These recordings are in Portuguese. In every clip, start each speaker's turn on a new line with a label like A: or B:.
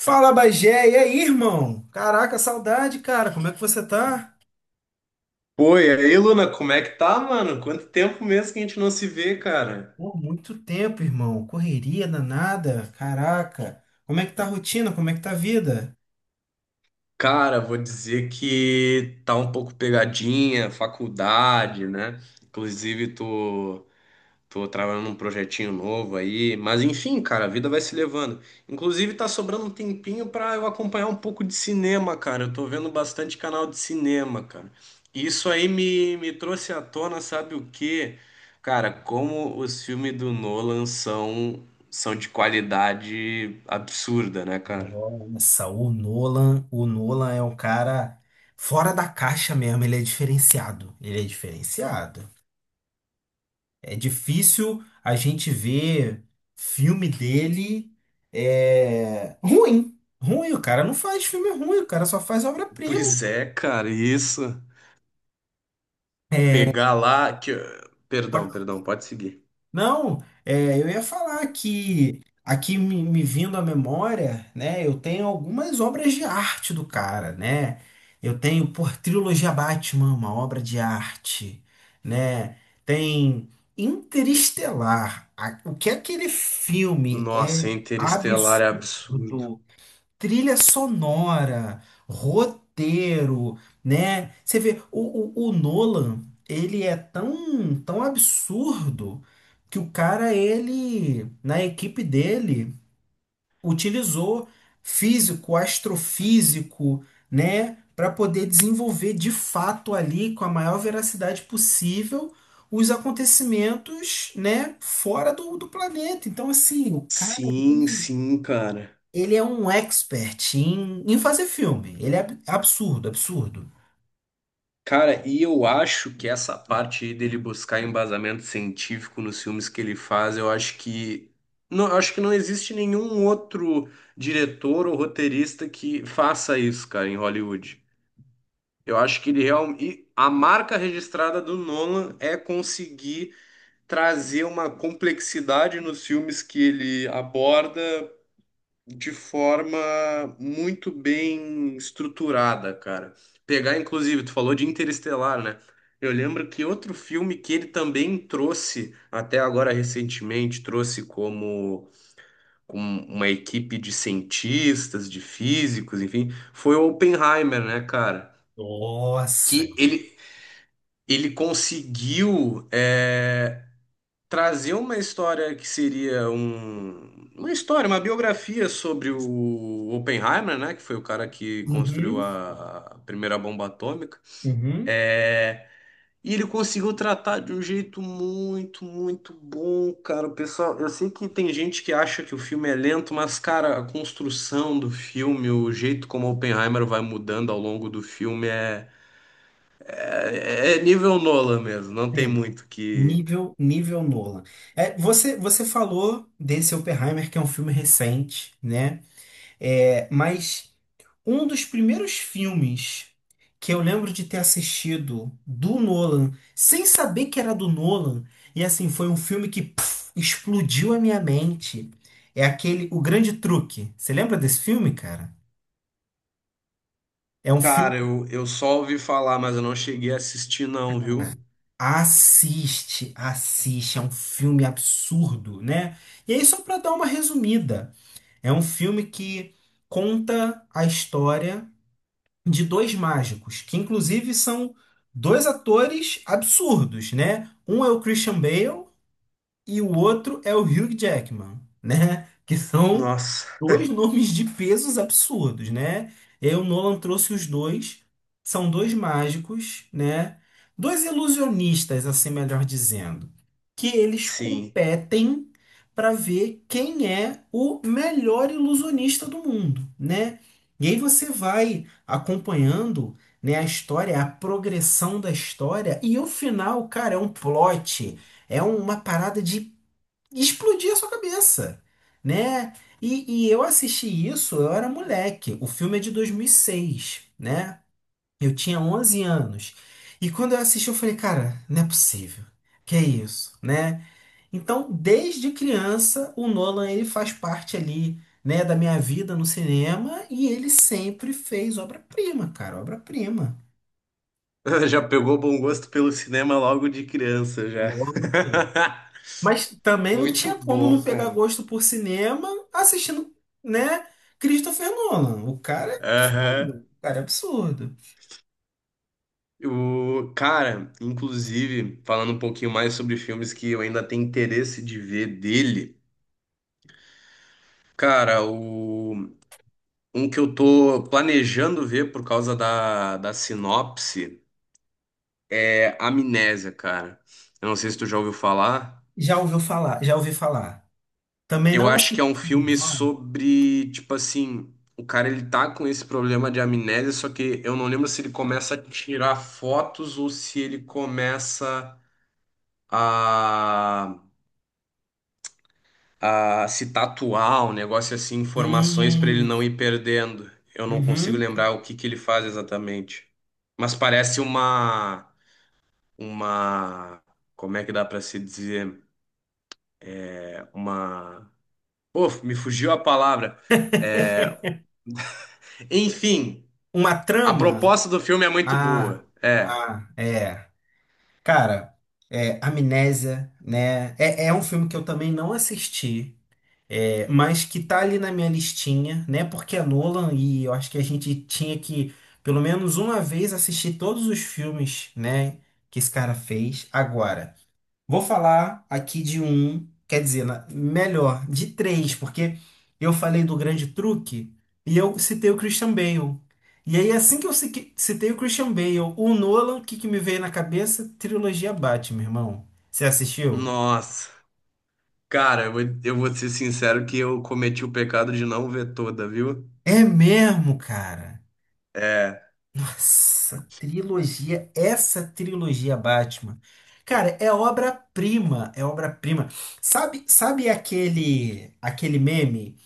A: Fala, Bagé, e aí, irmão? Caraca, saudade, cara. Como é que você tá?
B: Pô, e aí, Luna, como é que tá, mano? Quanto tempo mesmo que a gente não se vê, cara?
A: Pô, muito tempo, irmão. Correria danada. Caraca. Como é que tá a rotina? Como é que tá a vida?
B: Cara, vou dizer que tá um pouco pegadinha, faculdade, né? Inclusive, tu. Tô trabalhando num projetinho novo aí, mas enfim, cara, a vida vai se levando. Inclusive, tá sobrando um tempinho pra eu acompanhar um pouco de cinema, cara. Eu tô vendo bastante canal de cinema, cara. E isso aí me trouxe à tona, sabe o quê? Cara, como os filmes do Nolan são de qualidade absurda, né, cara?
A: Nossa, o Nolan é um cara fora da caixa mesmo. Ele é diferenciado. Ele é diferenciado. É difícil a gente ver filme dele é ruim. Ruim, o cara não faz filme ruim, o cara só faz obra-prima.
B: Pois é, cara, isso. Pegar lá que. Perdão, perdão, pode seguir.
A: Não, é, eu ia falar que aqui me vindo à memória, né? Eu tenho algumas obras de arte do cara, né? Eu tenho por trilogia Batman, uma obra de arte, né? Tem Interestelar. O que aquele filme
B: Nossa,
A: é
B: Interestelar é absurdo.
A: absurdo, trilha sonora, roteiro, né? Você vê, o Nolan, ele é tão absurdo que o cara, ele, na equipe dele, utilizou físico, astrofísico, né? Para poder desenvolver de fato ali, com a maior veracidade possível, os acontecimentos, né? Fora do planeta. Então, assim, o cara,
B: Sim,
A: ele
B: sim, cara.
A: ele é um expert em, em fazer filme. Ele é absurdo, absurdo.
B: Cara, e eu acho que essa parte aí dele buscar embasamento científico nos filmes que ele faz, eu acho que não, eu acho que não existe nenhum outro diretor ou roteirista que faça isso, cara, em Hollywood. Eu acho que ele realmente a marca registrada do Nolan é conseguir trazer uma complexidade nos filmes que ele aborda de forma muito bem estruturada, cara. Pegar, inclusive, tu falou de Interestelar, né? Eu lembro que outro filme que ele também trouxe, até agora recentemente, trouxe como, como uma equipe de cientistas, de físicos, enfim, foi o Oppenheimer, né, cara?
A: Nossa.
B: Que ele, ele conseguiu, trazer uma história que seria uma história, uma biografia sobre o Oppenheimer, né, que foi o cara que construiu
A: Uhum,
B: a primeira bomba atômica.
A: uhum.
B: É, e ele conseguiu tratar de um jeito muito, muito bom, cara. O pessoal, eu sei que tem gente que acha que o filme é lento, mas, cara, a construção do filme, o jeito como Oppenheimer vai mudando ao longo do filme é nível Nolan mesmo. Não tem
A: Sim.
B: muito que.
A: Nível, nível Nolan. É, você falou desse Oppenheimer, que é um filme recente, né? É, mas um dos primeiros filmes que eu lembro de ter assistido do Nolan, sem saber que era do Nolan, e assim, foi um filme que puf, explodiu a minha mente. É aquele O Grande Truque. Você lembra desse filme, cara? É um filme.
B: Cara, eu só ouvi falar, mas eu não cheguei a assistir, não, viu?
A: Assiste, assiste, é um filme absurdo, né? E aí, só para dar uma resumida, é um filme que conta a história de dois mágicos, que inclusive são dois atores absurdos, né? Um é o Christian Bale e o outro é o Hugh Jackman, né? Que são
B: Nossa,
A: dois nomes de pesos absurdos, né? E aí o Nolan trouxe os dois. São dois mágicos, né? Dois ilusionistas, assim melhor dizendo, que eles
B: sim.
A: competem para ver quem é o melhor ilusionista do mundo, né? E aí você vai acompanhando, né, a história, a progressão da história e o final, cara, é um plot, é uma parada de explodia a sua cabeça, né? E eu assisti isso, eu era moleque. O filme é de 2006, né? Eu tinha 11 anos. E quando eu assisti, eu falei, cara, não é possível. Que é isso, né? Então, desde criança, o Nolan ele faz parte ali, né, da minha vida no cinema e ele sempre fez obra-prima, cara, obra-prima.
B: Já pegou bom gosto pelo cinema logo de criança, já.
A: Obra-prima. Mas também não
B: Muito
A: tinha como
B: bom,
A: não pegar
B: cara.
A: gosto por cinema assistindo, né? Christopher Nolan. O cara é
B: Aham.
A: absurdo. O cara é absurdo.
B: O, cara, inclusive, falando um pouquinho mais sobre filmes que eu ainda tenho interesse de ver dele, cara, o, um que eu tô planejando ver por causa da sinopse é Amnésia, cara. Eu não sei se tu já ouviu falar.
A: Já ouviu falar? Já ouvi falar. Também
B: Eu
A: não
B: acho que
A: assisti,
B: é um filme
A: não.
B: sobre, tipo assim, o cara ele tá com esse problema de amnésia, só que eu não lembro se ele começa a tirar fotos ou se ele começa a, a se tatuar, um negócio assim, informações pra ele
A: Hum,
B: não ir perdendo. Eu não consigo
A: uhum.
B: lembrar o que que ele faz exatamente. Mas parece uma, como é que dá pra se dizer? Uma, pô, me fugiu a palavra. É, enfim,
A: Uma
B: a
A: trama?
B: proposta do filme é muito
A: Ah,
B: boa. É.
A: ah, é. Cara, é, Amnésia, né? É, é um filme que eu também não assisti. É, mas que tá ali na minha listinha, né? Porque é Nolan e eu acho que a gente tinha que, pelo menos uma vez, assistir todos os filmes, né? Que esse cara fez. Agora, vou falar aqui de um, quer dizer, melhor, de três, porque eu falei do Grande Truque e eu citei o Christian Bale. E aí, assim que eu citei o Christian Bale, o Nolan, o que que me veio na cabeça? Trilogia Batman, irmão. Você assistiu?
B: Nossa. Cara, eu vou ser sincero que eu cometi o pecado de não ver toda, viu?
A: É mesmo, cara.
B: É.
A: Essa trilogia Batman. Cara, é obra-prima, é obra-prima. Sabe aquele meme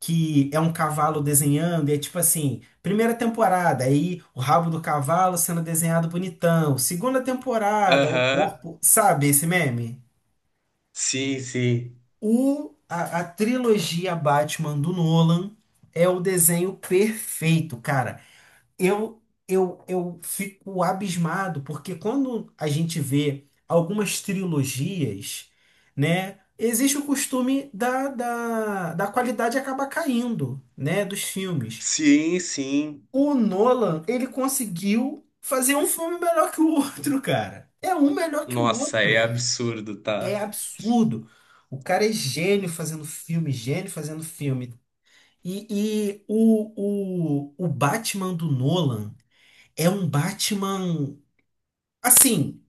A: que é um cavalo desenhando e é tipo assim, primeira temporada, aí o rabo do cavalo sendo desenhado bonitão, segunda temporada, o
B: Aham.
A: corpo, sabe esse meme?
B: Sim, sim.
A: A trilogia Batman do Nolan é o desenho perfeito, cara. Eu, eu fico abismado, porque quando a gente vê algumas trilogias, né, existe o costume da qualidade acabar caindo, né, dos filmes.
B: Sim, sim.
A: O Nolan, ele conseguiu fazer um filme melhor que o outro, cara. É um melhor que o
B: Nossa, é
A: outro.
B: absurdo,
A: É
B: tá?
A: absurdo. O cara é gênio fazendo filme, gênio fazendo filme. E o Batman do Nolan é um Batman. Assim,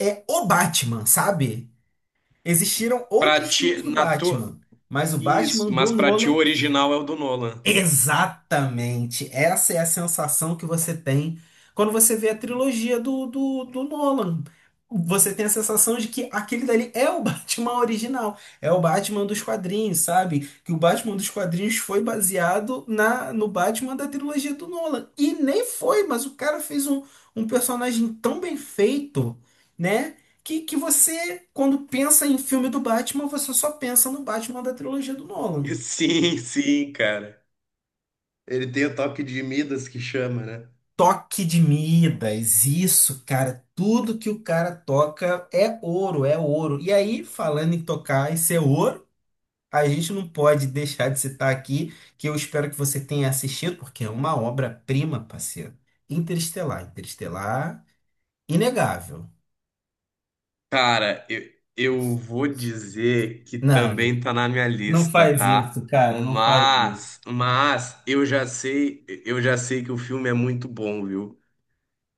A: é o Batman, sabe? Existiram
B: Pra
A: outros
B: ti,
A: filmes do
B: na tua.
A: Batman, mas o Batman
B: Isso,
A: do
B: mas pra ti o
A: Nolan.
B: original é o do Nolan.
A: Exatamente. Essa é a sensação que você tem quando você vê a trilogia do Nolan. Você tem a sensação de que aquele dali é o Batman original, é o Batman dos quadrinhos, sabe? Que o Batman dos quadrinhos foi baseado na no Batman da trilogia do Nolan. E nem foi, mas o cara fez um, um personagem tão bem feito, né? Que você, quando pensa em filme do Batman, você só pensa no Batman da trilogia do Nolan.
B: Sim, sim, cara. Ele tem o toque de Midas que chama, né?
A: Toque de Midas, isso, cara. Tudo que o cara toca é ouro, é ouro. E aí, falando em tocar e ser ouro, a gente não pode deixar de citar aqui, que eu espero que você tenha assistido, porque é uma obra-prima, parceiro. Interestelar, Interestelar, inegável.
B: Cara, eu vou dizer que
A: Não,
B: também tá na minha
A: não
B: lista,
A: faz isso,
B: tá?
A: cara, não faz isso.
B: Mas eu já sei que o filme é muito bom, viu?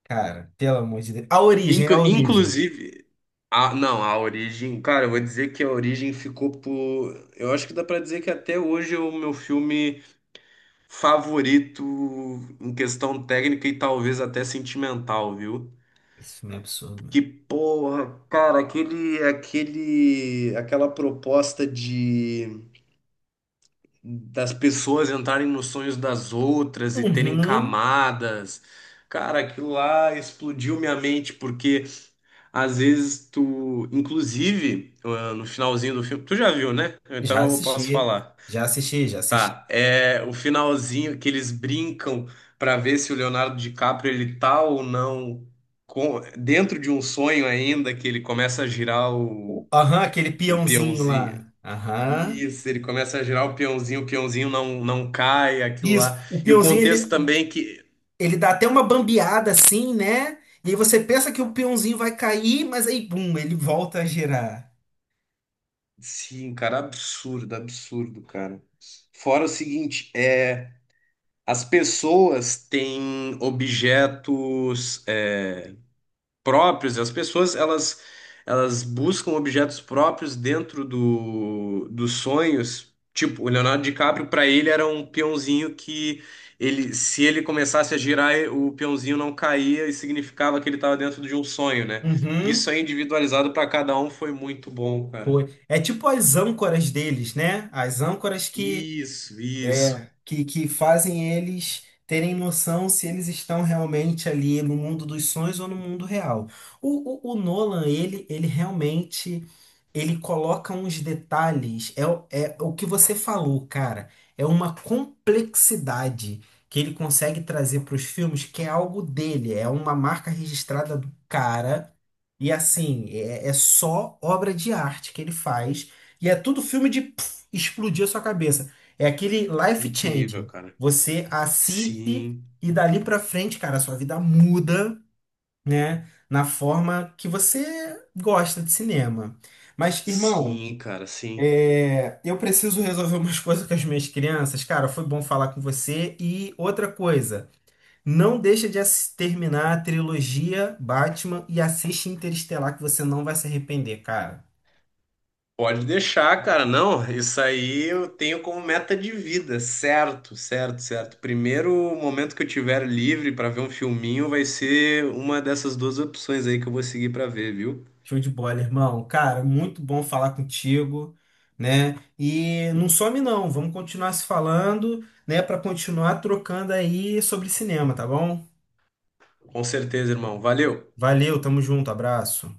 A: Cara, pelo amor de Deus. A origem, a origem.
B: Inclusive, a, não, a Origem, cara, eu vou dizer que a Origem ficou por, eu acho que dá pra dizer que até hoje é o meu filme favorito em questão técnica e talvez até sentimental, viu?
A: Esse filme é um absurdo,
B: Que
A: mano.
B: porra, cara, aquela proposta de das pessoas entrarem nos sonhos das outras e terem
A: Uhum,
B: camadas. Cara, aquilo lá explodiu minha mente, porque às vezes tu, inclusive, ah, no finalzinho do filme, tu já viu, né?
A: já
B: Então eu posso
A: assisti,
B: falar.
A: já assisti, já assisti.
B: Tá, é o finalzinho que eles brincam pra ver se o Leonardo DiCaprio ele tá ou não dentro de um sonho ainda, que ele começa a girar
A: Aham, aquele
B: o
A: peãozinho
B: peãozinho.
A: lá. Aham.
B: Isso, ele começa a girar o peãozinho não cai, aquilo lá.
A: Isso,
B: E o contexto também que
A: ele dá até uma bambeada assim, né? E aí você pensa que o peãozinho vai cair, mas aí, bum, ele volta a girar.
B: sim, cara, absurdo, absurdo, cara. Fora o seguinte, é as pessoas têm objetos é, próprios, as pessoas elas buscam objetos próprios dentro do, dos sonhos. Tipo, o Leonardo DiCaprio para ele era um peãozinho que ele se ele começasse a girar, o peãozinho não caía e significava que ele estava dentro de um sonho, né? Isso
A: Uhum,
B: aí individualizado para cada um foi muito bom, cara.
A: foi. É tipo as âncoras deles, né? As âncoras que
B: Isso, isso.
A: é, que fazem eles terem noção se eles estão realmente ali no mundo dos sonhos ou no mundo real. O Nolan, ele realmente, ele coloca uns detalhes, é, é o que você falou, cara, é uma complexidade que ele consegue trazer para os filmes, que é algo dele, é uma marca registrada do cara, e assim, é, é só obra de arte que ele faz, e é tudo filme de pff, explodir a sua cabeça. É aquele life
B: Incrível,
A: changing.
B: cara.
A: Você assiste
B: Sim,
A: e dali pra frente, cara, a sua vida muda, né? Na forma que você gosta de cinema. Mas, irmão,
B: sim, cara, sim.
A: é, eu preciso resolver umas coisas com as minhas crianças. Cara, foi bom falar com você. E outra coisa, não deixa de terminar a trilogia Batman e assiste Interestelar que você não vai se arrepender, cara.
B: Pode deixar, cara. Não, isso aí eu tenho como meta de vida, certo, certo, certo. Primeiro momento que eu tiver livre para ver um filminho vai ser uma dessas duas opções aí que eu vou seguir para ver, viu?
A: Show de bola, irmão. Cara, muito bom falar contigo, né? E não some não, vamos continuar se falando, né, para continuar trocando aí sobre cinema, tá bom?
B: Com certeza, irmão. Valeu.
A: Valeu, tamo junto, abraço.